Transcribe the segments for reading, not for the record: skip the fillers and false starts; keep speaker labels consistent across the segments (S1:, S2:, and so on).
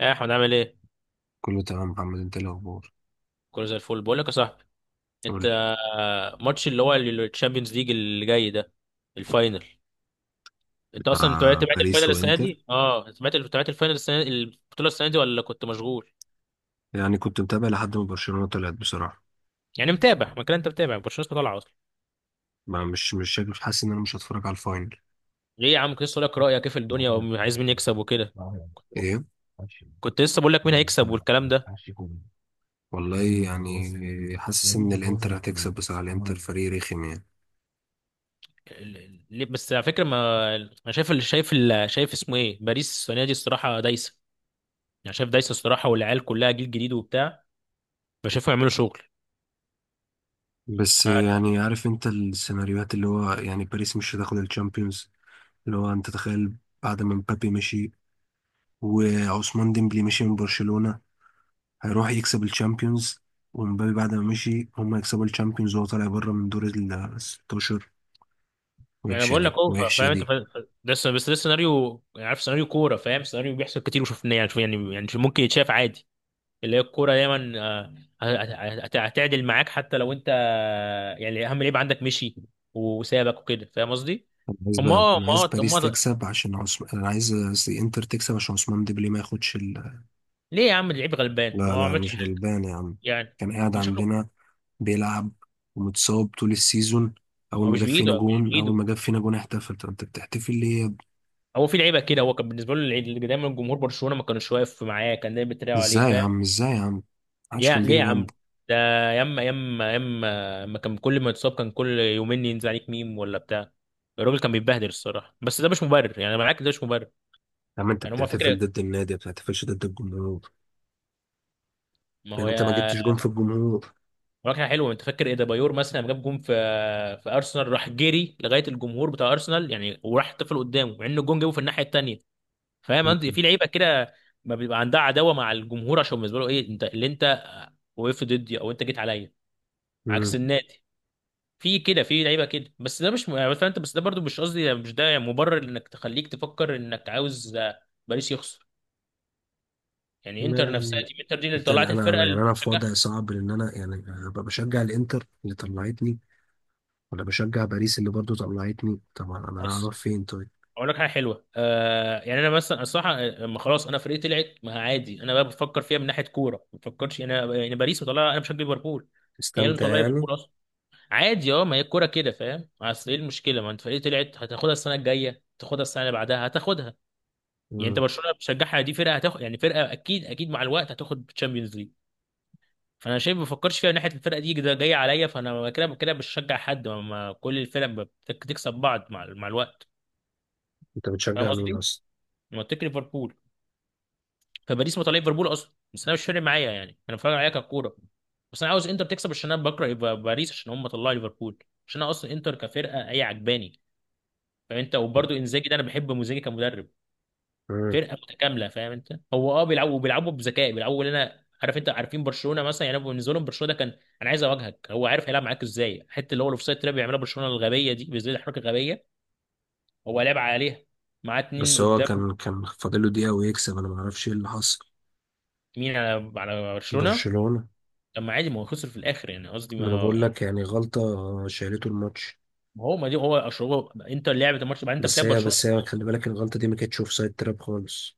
S1: ايه احمد عامل ايه؟
S2: كله تمام محمد انت ايه الاخبار؟
S1: كله زي الفل بقول لك يا صاحبي.
S2: قول
S1: انت
S2: لي.
S1: ماتش اللي هو الشامبيونز ليج اللي جاي ده، الفاينل. انت اصلا
S2: مع
S1: تابعت
S2: باريس
S1: الفاينل السنه
S2: وانتر،
S1: دي؟ اه، تابعت الفاينل السنه، البطوله السنه دي، ولا كنت مشغول؟
S2: يعني كنت متابع لحد ما برشلونة طلعت بصراحة.
S1: يعني متابع، ما كده انت متابع برشلونه لسه طالعه اصلا.
S2: ما مش شايف، حاسس ان انا مش هتفرج على الفاينل.
S1: ليه يا عم؟ كنت لسه اقول لك رايك كيف الدنيا وعايز مين يكسب وكده. كنت
S2: ايه،
S1: كنت لسه بقول لك مين هيكسب والكلام ده.
S2: والله يعني حاسس ان الانتر هتكسب بصراحة، الانتر فريق رخم يعني.
S1: ليه بس؟ على فكره، ما انا شايف اللي شايف اللي شايف اسمه ايه، باريس السنه دي الصراحه دايسه. يعني شايف دايسه الصراحه، والعيال كلها جيل جديد وبتاع، فشايفهم يعملوا شغل.
S2: بس
S1: هكا.
S2: يعني عارف انت السيناريوهات اللي هو، يعني باريس مش هتاخد الشامبيونز؟ اللي هو انت تخيل، بعد ما مبابي مشي وعثمان ديمبلي مشي من برشلونة هيروح يكسب الشامبيونز، ومبابي بعد ما مشي هم يكسبوا الشامبيونز وهو طالع بره من دور ال 16.
S1: انا
S2: وحشة
S1: بقول لك
S2: دي،
S1: اوفر،
S2: وحشة
S1: فاهم انت؟
S2: دي.
S1: بس ده سيناريو، يعني عارف سيناريو كوره، فاهم؟ سيناريو بيحصل كتير وشفناه، يعني يعني ممكن يتشاف عادي. اللي هي الكوره دايما هتعدل معاك حتى لو انت، يعني اهم لعيب عندك مشي وسابك وكده، فاهم قصدي؟
S2: أنا عايز
S1: هم،
S2: بقى،
S1: اه،
S2: أنا
S1: ما
S2: عايز
S1: هو طب
S2: باريس
S1: ما هو-
S2: تكسب عشان عثمان، أنا عايز قصدي إنتر تكسب عشان عثمان ديمبلي ما ياخدش ال...
S1: ليه يا عم؟ اللعيب غلبان، هو
S2: لا
S1: ما
S2: لا
S1: عملش
S2: مش
S1: حاجه.
S2: غلبان يا عم،
S1: يعني
S2: كان قاعد
S1: مش شكله.
S2: عندنا بيلعب ومتصاب طول السيزون. أول
S1: هو
S2: ما
S1: مش
S2: جاب فينا
S1: بايده، مش
S2: جون أول
S1: بايده.
S2: ما جاب فينا جون احتفل، طب أنت بتحتفل ليه يا ابني؟
S1: هو في لعيبه كده، هو كان بالنسبه له اللي دايما جمهور برشلونه ما كانوش واقف معاه، كان دايما بيتريقوا عليه،
S2: إزاي يا
S1: فاهم؟
S2: عم، إزاي يا عم، محدش
S1: يا
S2: كان
S1: ليه
S2: بيجي
S1: يا عم؟
S2: جنبه.
S1: ده ياما اما كان كل ما يتصاب كان كل يومين ينزل عليك ميم ولا بتاع. الراجل كان بيتبهدل الصراحه، بس ده مش مبرر، يعني انا معاك، ده مش مبرر.
S2: يا عم أنت
S1: يعني هما
S2: بتحتفل
S1: فكره.
S2: ضد النادي، ما بتحتفلش ضد الجمهور.
S1: ما هو
S2: يعني أنت ما
S1: يا
S2: جبتش جون في الجمهور.
S1: مراكنة حلوه، انت فاكر ايه ده؟ بايور مثلا لما جاب جون في ارسنال، راح جري لغايه الجمهور بتاع ارسنال يعني، وراح طفل قدامه مع ان الجون جابه في الناحيه التانيه. فاهم؟ انت في لعيبه كده، ما بيبقى عندها عداوه مع الجمهور، عشان بالنسبه له ايه، انت اللي انت وقفت ضدي او انت جيت عليا عكس
S2: مم.
S1: النادي. في كده، في لعيبه كده. بس ده برضو مش قصدي، مش ده مبرر انك تخليك تفكر انك عاوز باريس يخسر. يعني
S2: ما
S1: انتر نفسها،
S2: يعني
S1: تيم انتر دي اللي
S2: انت،
S1: طلعت الفرقه اللي
S2: يعني انا في
S1: بتشجع.
S2: وضع صعب لان انا يعني ابقى بشجع الانتر اللي طلعتني، ولا بشجع باريس اللي برضو طلعتني؟ طبعا انا
S1: بس
S2: هروح فين طيب؟
S1: اقول لك حاجه حلوه، آه، يعني انا مثلا الصراحه، لما خلاص انا فرقتي طلعت، ما عادي، انا بقى بفكر فيها من ناحيه كوره، ما بفكرش يعني انا، يعني باريس مطلعه، انا بشجع ليفربول، هي اللي
S2: استمتع
S1: مطلعه
S2: يعني.
S1: ليفربول اصلا. عادي، اه، ما هي الكوره كده، فاهم؟ اصل ايه المشكله، ما انت فرقتي طلعت، هتاخدها السنه الجايه، تاخدها السنه اللي بعدها هتاخدها. يعني انت
S2: مم.
S1: برشلونه بتشجعها دي فرقه هتاخد، يعني فرقه اكيد اكيد مع الوقت هتاخد تشامبيونز ليج. فانا شايف، ما بفكرش فيها من ناحيه الفرقه دي ده جايه عليا، فانا كده كده مش بشجع حد، ما ما كل الفرق بتكسب بعض مع الوقت.
S2: انت
S1: فاهم
S2: بتشجع مين
S1: قصدي؟
S2: اصلا؟
S1: منطقي ليفربول، فباريس مطلع ليفربول اصلا، بس انا مش فارق معايا، يعني انا فارق معايا ككوره. بس انا عاوز انتر تكسب عشان انا بكره يبقى باريس عشان هم طلعوا ليفربول، عشان انا اصلا انتر كفرقه هي عجباني. فانت وبرده انزاجي ده، انا بحب مزاجي كمدرب.
S2: مم.
S1: فرقه متكامله، فاهم انت؟ هو اه بيلعبوا بذكاء، بيلعبوا اللي انا عارف انت عارفين. برشلونه مثلا يعني، أنا بالنسبه لهم برشلونه ده كان انا عايز اواجهك، هو عارف هيلعب معاك ازاي، الحته اللي هو الاوفسايد تراب بيعملها برشلونه الغبيه دي، بالذات الحركه الغبيه، هو لعب عليها معاه اتنين
S2: بس هو
S1: قدام.
S2: كان فاضل له دقيقة ويكسب، انا ما اعرفش ايه اللي حصل.
S1: مين على برشلونه؟
S2: برشلونة.
S1: طب ما عادي، ما هو خسر في الاخر، يعني قصدي
S2: ما
S1: ما
S2: انا
S1: هو
S2: بقول لك
S1: يعني.
S2: يعني غلطة، شالته الماتش.
S1: ما هو ما دي هو اشربه، انت اللي لعبت الماتش بعدين، انت
S2: بس
S1: بتلعب
S2: هي
S1: برشلونه.
S2: بس هي خلي بالك، الغلطة دي ما كانتش اوف سايد تراب خالص.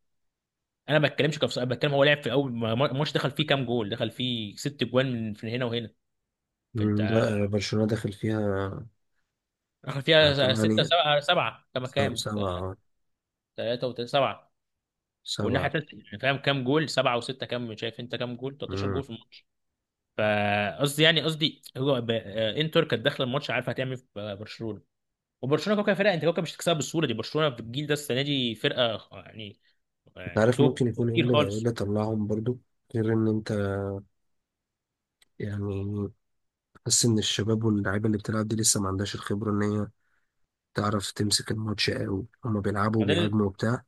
S1: انا ما بتكلمش كفص، انا بتكلم هو لعب في اول، الماتش دخل فيه كام جول؟ دخل فيه ست جوان من هنا وهنا. فانت
S2: مم. لا برشلونة داخل فيها
S1: دخل فيها ستة،
S2: 8،
S1: سبعة، سبعة كما كام؟
S2: سبعة،
S1: 3 و سبعة، والناحية
S2: سبعة.
S1: التالتة يعني، فاهم؟ كام جول؟ سبعة وستة كام، شايف انت؟ كام جول؟ 13
S2: مم.
S1: جول في الماتش. فقصدي يعني، قصدي هو ب... آه، انتر كانت داخلة الماتش عارفة هتعمل إيه في، برشلونة. وبرشلونة كوكا فرقة، انت كوكا مش هتكسبها بالسهولة دي، برشلونة في الجيل ده السنة دي فرقة يعني،
S2: انت
S1: يعني
S2: عارف
S1: توب.
S2: ممكن يكون ايه
S1: كتير
S2: اللي، إيه
S1: خالص.
S2: اللي طلعهم برضو غير ان انت يعني تحس ان الشباب واللعيبه اللي بتلعب دي لسه ما عندهاش الخبره ان هي تعرف تمسك الماتش قوي؟ هما بيلعبوا
S1: ما ده اللي-
S2: وبيهاجموا وبتاع،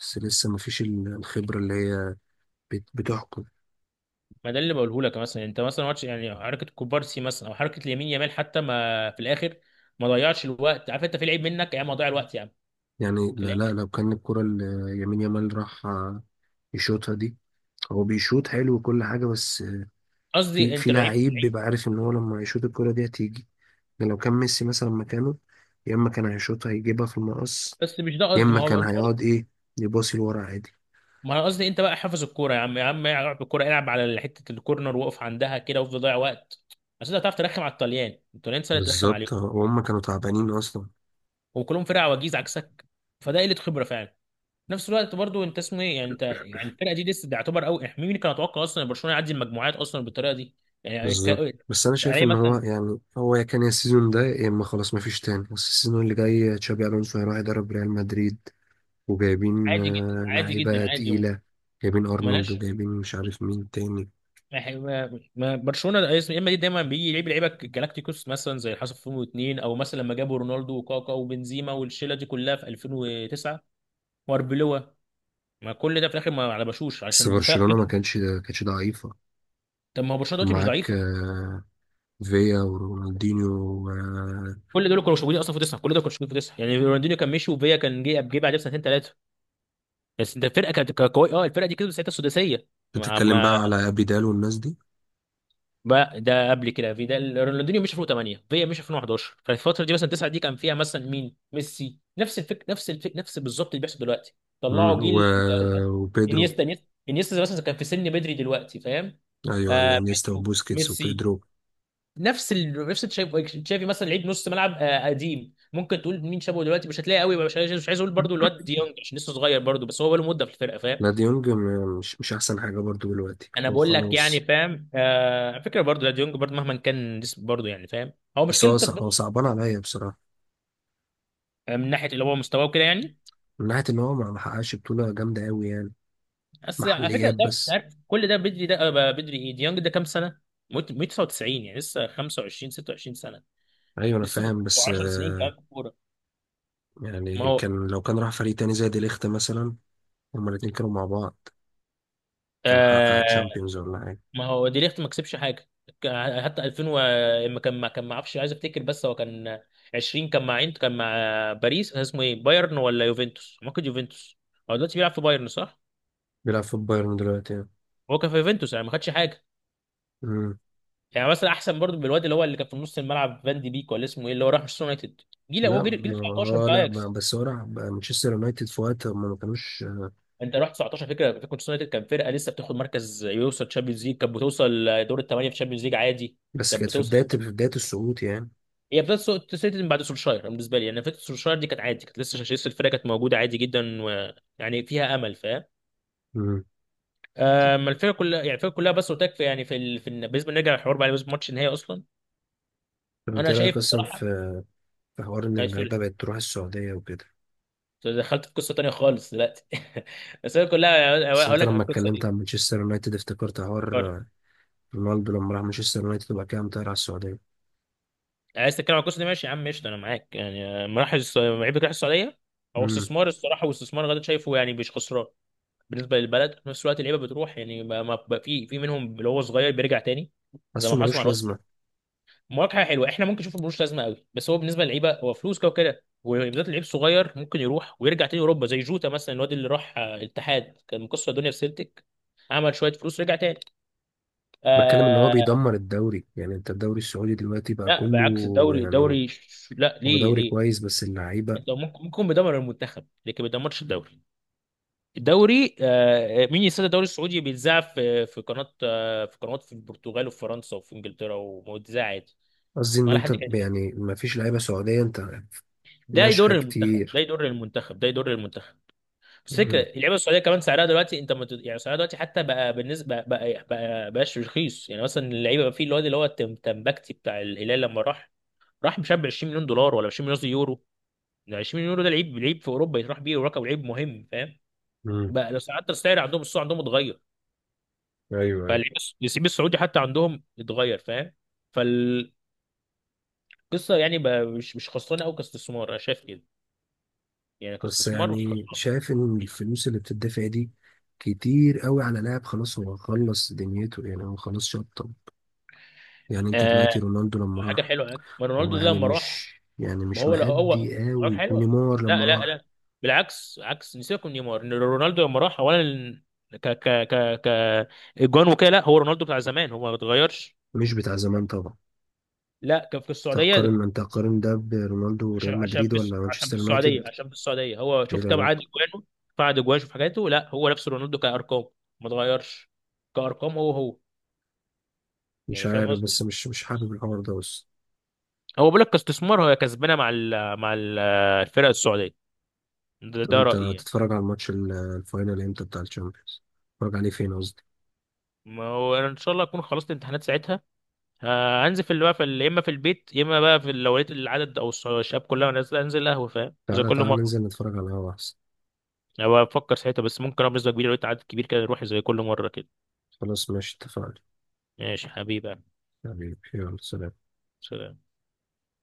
S2: بس لسه ما فيش الخبره اللي هي بتحكم
S1: ما ده اللي بقوله لك، مثلا انت مثلا ماتش، يعني حركة كوبارسي مثلا او حركة اليمين يامال، حتى ما في الاخر ما ضيعش الوقت. عارف انت؟ في لعيب منك يا عم، ضيع الوقت يا عم
S2: يعني.
S1: في
S2: لا لا،
S1: الاخر.
S2: لو كان الكره اللي يمين يامال راح يشوطها دي، هو بيشوط حلو وكل حاجه، بس في
S1: قصدي
S2: في
S1: انت لعيب
S2: لعيب
S1: لعيب.
S2: بيبقى عارف ان هو لما يشوط الكره دي هتيجي. يعني لو كان ميسي مثلا مكانه، يا اما كان هيشوطها يجيبها في المقص،
S1: بس مش ده
S2: يا
S1: قصدي،
S2: اما
S1: ما هو
S2: كان
S1: انت،
S2: هيقعد ايه، يباصي لورا عادي.
S1: ما انا قصدي انت بقى حافظ الكوره يا عم، يا عم العب الكوره، العب على حته الكورنر، واقف عندها كده وافضل ضيع وقت. بس انت هتعرف ترخم على الطليان، الطليان سهل ترخم
S2: بالظبط
S1: عليهم
S2: اه، وهم كانوا تعبانين اصلا.
S1: وكلهم فرقه عواجيز عكسك، فده قله خبره فعلا. في نفس الوقت برضو انت اسمه ايه يعني انت، يعني الفرقه دي لسه بيعتبر قوي. مين كان يتوقع اصلا ان برشلونه يعدي المجموعات اصلا بالطريقه دي؟ يعني
S2: بالظبط.
S1: ك...
S2: بس انا شايف
S1: علي
S2: ان هو
S1: مثلا.
S2: يعني، هو يا كان يا السيزون ده يا اما خلاص مفيش تاني، بس السيزون اللي جاي تشابي الونسو هيروح يدرب ريال مدريد، وجايبين
S1: عادي جدا، عادي جدا،
S2: لعيبه
S1: عادي.
S2: تقيله، جايبين ارنولد
S1: ملهاش.
S2: وجايبين مش عارف مين تاني.
S1: ما هي- ما- ما- برشلونه يا اما دي دايما بيجي يلعب لعيبه جالاكتيكوس، مثلا زي اللي حصل في 2002، او مثلا لما جابوا رونالدو وكاكا وبنزيما والشله دي كلها في 2009 واربيلوا. ما كل ده في الاخر ما على بشوش
S2: بس
S1: عشان دفاع.
S2: برشلونه ما كانش، ما كانتش ضعيفه،
S1: طب ما هو برشلونه
S2: كان
S1: دلوقتي مش
S2: معاك
S1: ضعيفه.
S2: فيا ورونالدينيو و- آه،
S1: كل دول كانوا مش موجودين اصلا في تسعه، كل دول كانوا مش موجودين في تسعه، يعني رونالدينيو كان مشي، وفيا كان جه بعدها بسنتين ثلاثه. بس انت الفرقه كانت قويه، اه الفرقه دي كسبت ساعتها السداسيه. ما
S2: بتتكلم بقى على ابيدال والناس دي؟
S1: بقى ده قبل كده في ده، رونالدينيو مشي 2008، فيا مشي 2011، فالفتره دي مثلا 9 دي كان فيها مثلا مين؟ ميسي، نفس الفكر، نفس الفكر، نفس بالظبط اللي بيحصل دلوقتي.
S2: مم،
S1: طلعوا
S2: و...
S1: جيل
S2: وبيدرو.
S1: انيستا مثلا كان في سن بدري دلوقتي، فاهم؟
S2: ايوه ايوه،
S1: آه،
S2: انيستا
S1: بيدرو،
S2: وبوسكيتس
S1: ميسي،
S2: وبيدرو.
S1: نفس تشافي، تشافي مثلا لعيب نص ملعب آه قديم. ممكن تقول مين شابه دلوقتي؟ مش هتلاقي قوي، مش عايز اقول برضو الواد ديونج عشان لسه صغير برضو، بس هو بقاله مده في الفرقه، فاهم؟
S2: لا دي يونج، مش احسن حاجه برضو دلوقتي،
S1: انا
S2: هو
S1: بقول لك يعني،
S2: خلاص.
S1: فاهم؟ آه فكره برضه، لا ديونج برضه مهما كان جسم برضه، يعني فاهم؟ هو
S2: بس هو
S1: مشكلته
S2: هو صعبان عليا بصراحه
S1: من ناحيه اللي هو مستواه وكده يعني.
S2: من ناحيه ان هو ما ما حققش بطوله جامده قوي يعني.
S1: بس على فكره
S2: محليات
S1: ده، أنت
S2: بس.
S1: عارف كل ده بدري، ده بدري. ايه ديونج ده كام سنه؟ 199، يعني لسه 25 26 سنه،
S2: ايوه انا
S1: لسه في
S2: فاهم بس
S1: 10 سنين كمان في الكوره. ما
S2: يعني
S1: هو
S2: كان، لو كان راح فريق تاني زي دي ليخت مثلا، هما الاتنين كانوا مع بعض، كان حقق
S1: آه،
S2: تشامبيونز ولا حاجه.
S1: ما هو دي ليخت ما كسبش حاجه. ك- حتى ما اعرفش، عايز افتكر، بس هو كان 20، كان مع عين، كان مع باريس، كان اسمه ايه، بايرن ولا يوفنتوس؟ ما كان يوفنتوس. هو دلوقتي بيلعب في بايرن صح؟
S2: بيلعب في بايرن دلوقتي يعني.
S1: هو كان في يوفنتوس يعني ما خدش حاجه،
S2: مم.
S1: يعني مثلا احسن برضو من الواد اللي هو اللي كان في نص الملعب فان دي بيك، ولا اسمه ايه اللي هو راح مانشستر يونايتد؟ جيل هو
S2: لا
S1: جيل
S2: ما
S1: 19
S2: هو
S1: بتاع
S2: لا،
S1: اياكس.
S2: بس هو راح مانشستر يونايتد في وقت هما ما كانوش.
S1: انت رحت 19، فكره فكره مانشستر يونايتد كان فرقه لسه بتاخد مركز، يوصل تشامبيونز ليج، كانت بتوصل دور الثمانيه في تشامبيونز ليج عادي.
S2: بس
S1: كانت
S2: كانت في
S1: بتوصل.
S2: بدايه السقوط يعني.
S1: هي بدات تسيطر من بعد سولشاير، أنا بالنسبه لي يعني فكره سولشاير دي كانت عادي، كانت لسه، لسه الفرقه كانت موجوده عادي جدا و... يعني فيها امل، فاهم؟
S2: مم.
S1: اما الفرقه كلها يعني الفرقه كلها، بس قلت لك في يعني بالنسبه نرجع للحوار بقى، بالنسبه لماتش النهائي اصلا.
S2: طب انت
S1: انا
S2: إيه رايك
S1: شايف
S2: اصلا في،
S1: الصراحه،
S2: في حوار ان
S1: أيوة،
S2: اللعيبه
S1: سوري.
S2: بقت تروح السعوديه وكده؟
S1: دخلت في قصه تانيه خالص دلوقتي بس هي كلها
S2: بس
S1: هقول
S2: انت
S1: لك على
S2: لما
S1: القصه
S2: اتكلمت
S1: دي.
S2: عن مانشستر يونايتد افتكرت حوار رونالدو لما راح مانشستر يونايتد وبعد كده قام طاير على السعوديه.
S1: عايز تتكلم على القصه دي، ماشي يا عم قشطه، انا معاك. يعني مراحل لعيبه راح السعوديه، هو
S2: امم.
S1: استثمار الصراحه، واستثمار غدا شايفه يعني مش خسران بالنسبه للبلد. في نفس الوقت اللعيبه بتروح يعني بقى في منهم اللي هو صغير بيرجع تاني زي
S2: حاسه
S1: ما حصل مع
S2: ملوش
S1: الوقت.
S2: لازمه.
S1: مواجهه حلوه احنا ممكن نشوف، ملوش لازمه قوي، بس هو بالنسبه للعيبه هو فلوس كده وكده، وبالذات اللعيب الصغير ممكن يروح ويرجع تاني اوروبا. زي جوتا مثلا، الواد اللي راح الاتحاد، كان مكسر الدنيا في سيلتيك، عمل شويه فلوس رجع تاني.
S2: بتكلم ان هو
S1: آه،
S2: بيدمر الدوري، يعني انت الدوري السعودي دلوقتي بقى
S1: لا بالعكس،
S2: كله
S1: الدوري
S2: يعني،
S1: الدوري ش- لا
S2: هو
S1: ليه؟
S2: دوري
S1: ليه؟
S2: كويس بس اللعيبه،
S1: انت ممكن، ممكن بيدمر المنتخب، لكن ما بيدمرش الدوري. الدوري آه، مين يستضيف الدوري السعودي، بيتذاع في قناه، آه في قنوات، في البرتغال وفي فرنسا وفي انجلترا، ومذاع عادي،
S2: قصدي ان
S1: ولا
S2: انت
S1: حد كده.
S2: يعني ما فيش لعيبه سعوديه انت،
S1: ده يضر
S2: ناشئه
S1: المنتخب، ده
S2: كتير.
S1: يضر المنتخب، ده يضر المنتخب. بس فكره
S2: امم.
S1: اللعيبه السعوديه كمان سعرها دلوقتي انت يعني سعرها دلوقتي حتى بقى بالنسبه بقى، بقى بقاش رخيص، يعني مثلا اللعيبه بقى، في الواد اللي هو تمبكتي بتاع الهلال، لما راح راح مش عارف ب 20 مليون دولار، ولا 20 مليون يورو. ده 20 يورو ده لعيب، لعيب في اوروبا يتراح بيه، ورقم لعيب مهم، فاهم؟
S2: امم.
S1: بقى لو حتى السعر عندهم السوق عندهم اتغير،
S2: ايوه ايوه.
S1: فاللعيب اللعيب السعودي حتى عندهم اتغير، فاهم؟ فالقصه يعني بقى مش مش خسرانه قوي كاستثمار، انا شايف كده، يعني
S2: بس
S1: كاستثمار مش
S2: يعني
S1: خسران.
S2: شايف ان الفلوس اللي بتدفع دي كتير قوي على لاعب خلاص هو خلص دنيته، يعني هو خلاص شطب، يعني انت دلوقتي
S1: آه،
S2: رونالدو لما
S1: حاجه
S2: راح
S1: حلوه يعني. ما
S2: هو
S1: رونالدو ده
S2: يعني،
S1: لما راح،
S2: مش يعني
S1: ما
S2: مش
S1: هو لا هو
S2: مأدي
S1: حاجه
S2: قوي،
S1: حلوه،
S2: ونيمار لما
S1: لا لا
S2: راح
S1: لا، بالعكس عكس نسيبكم نيمار، إن رونالدو لما راح اولا، ك ك ك ك اجوان وكده، لا هو رونالدو بتاع زمان، هو ما اتغيرش.
S2: مش بتاع زمان طبعا.
S1: لا كان في السعوديه،
S2: تقارن، انت تقارن ده برونالدو
S1: عشان،
S2: وريال مدريد ولا
S1: عشان
S2: مانشستر
S1: في
S2: يونايتد؟
S1: السعوديه، عشان في السعوديه، هو
S2: ايه
S1: شوف كم عدد
S2: العلاقة؟
S1: اجوانه، فعد اجوانه، شوف حاجاته. لا هو نفس رونالدو كارقام، ما اتغيرش، كارقام هو هو،
S2: مش
S1: يعني فاهم
S2: عارف، بس
S1: قصدي؟
S2: مش حابب الحوار ده. بس
S1: هو بيقول لك كاستثمار هي كسبانه مع ال، مع ال الفرق السعوديه. ده،
S2: طب
S1: ده
S2: انت
S1: رايي يعني.
S2: تتفرج على الماتش الفاينل امتى بتاع الشامبيونز؟ تتفرج عليه فين قصدي؟
S1: ما هو انا ان شاء الله اكون خلصت الامتحانات ساعتها، هنزل في اللي بقى يا اما في البيت، يا اما بقى في ال، لو لقيت العدد او الشباب كلها نازله انزل قهوه، فاهم، زي
S2: تعالى
S1: كل
S2: تعالى
S1: مره.
S2: ننزل نتفرج على القهوة احسن.
S1: انا بفكر ساعتها، بس ممكن أبقى بنسبه كبيره لو لقيت عدد كبير كده نروح زي كل مره كده.
S2: خلاص ماشي، اتفقنا.
S1: ماشي حبيبي.
S2: حبيبي يلا سلام.
S1: سلام.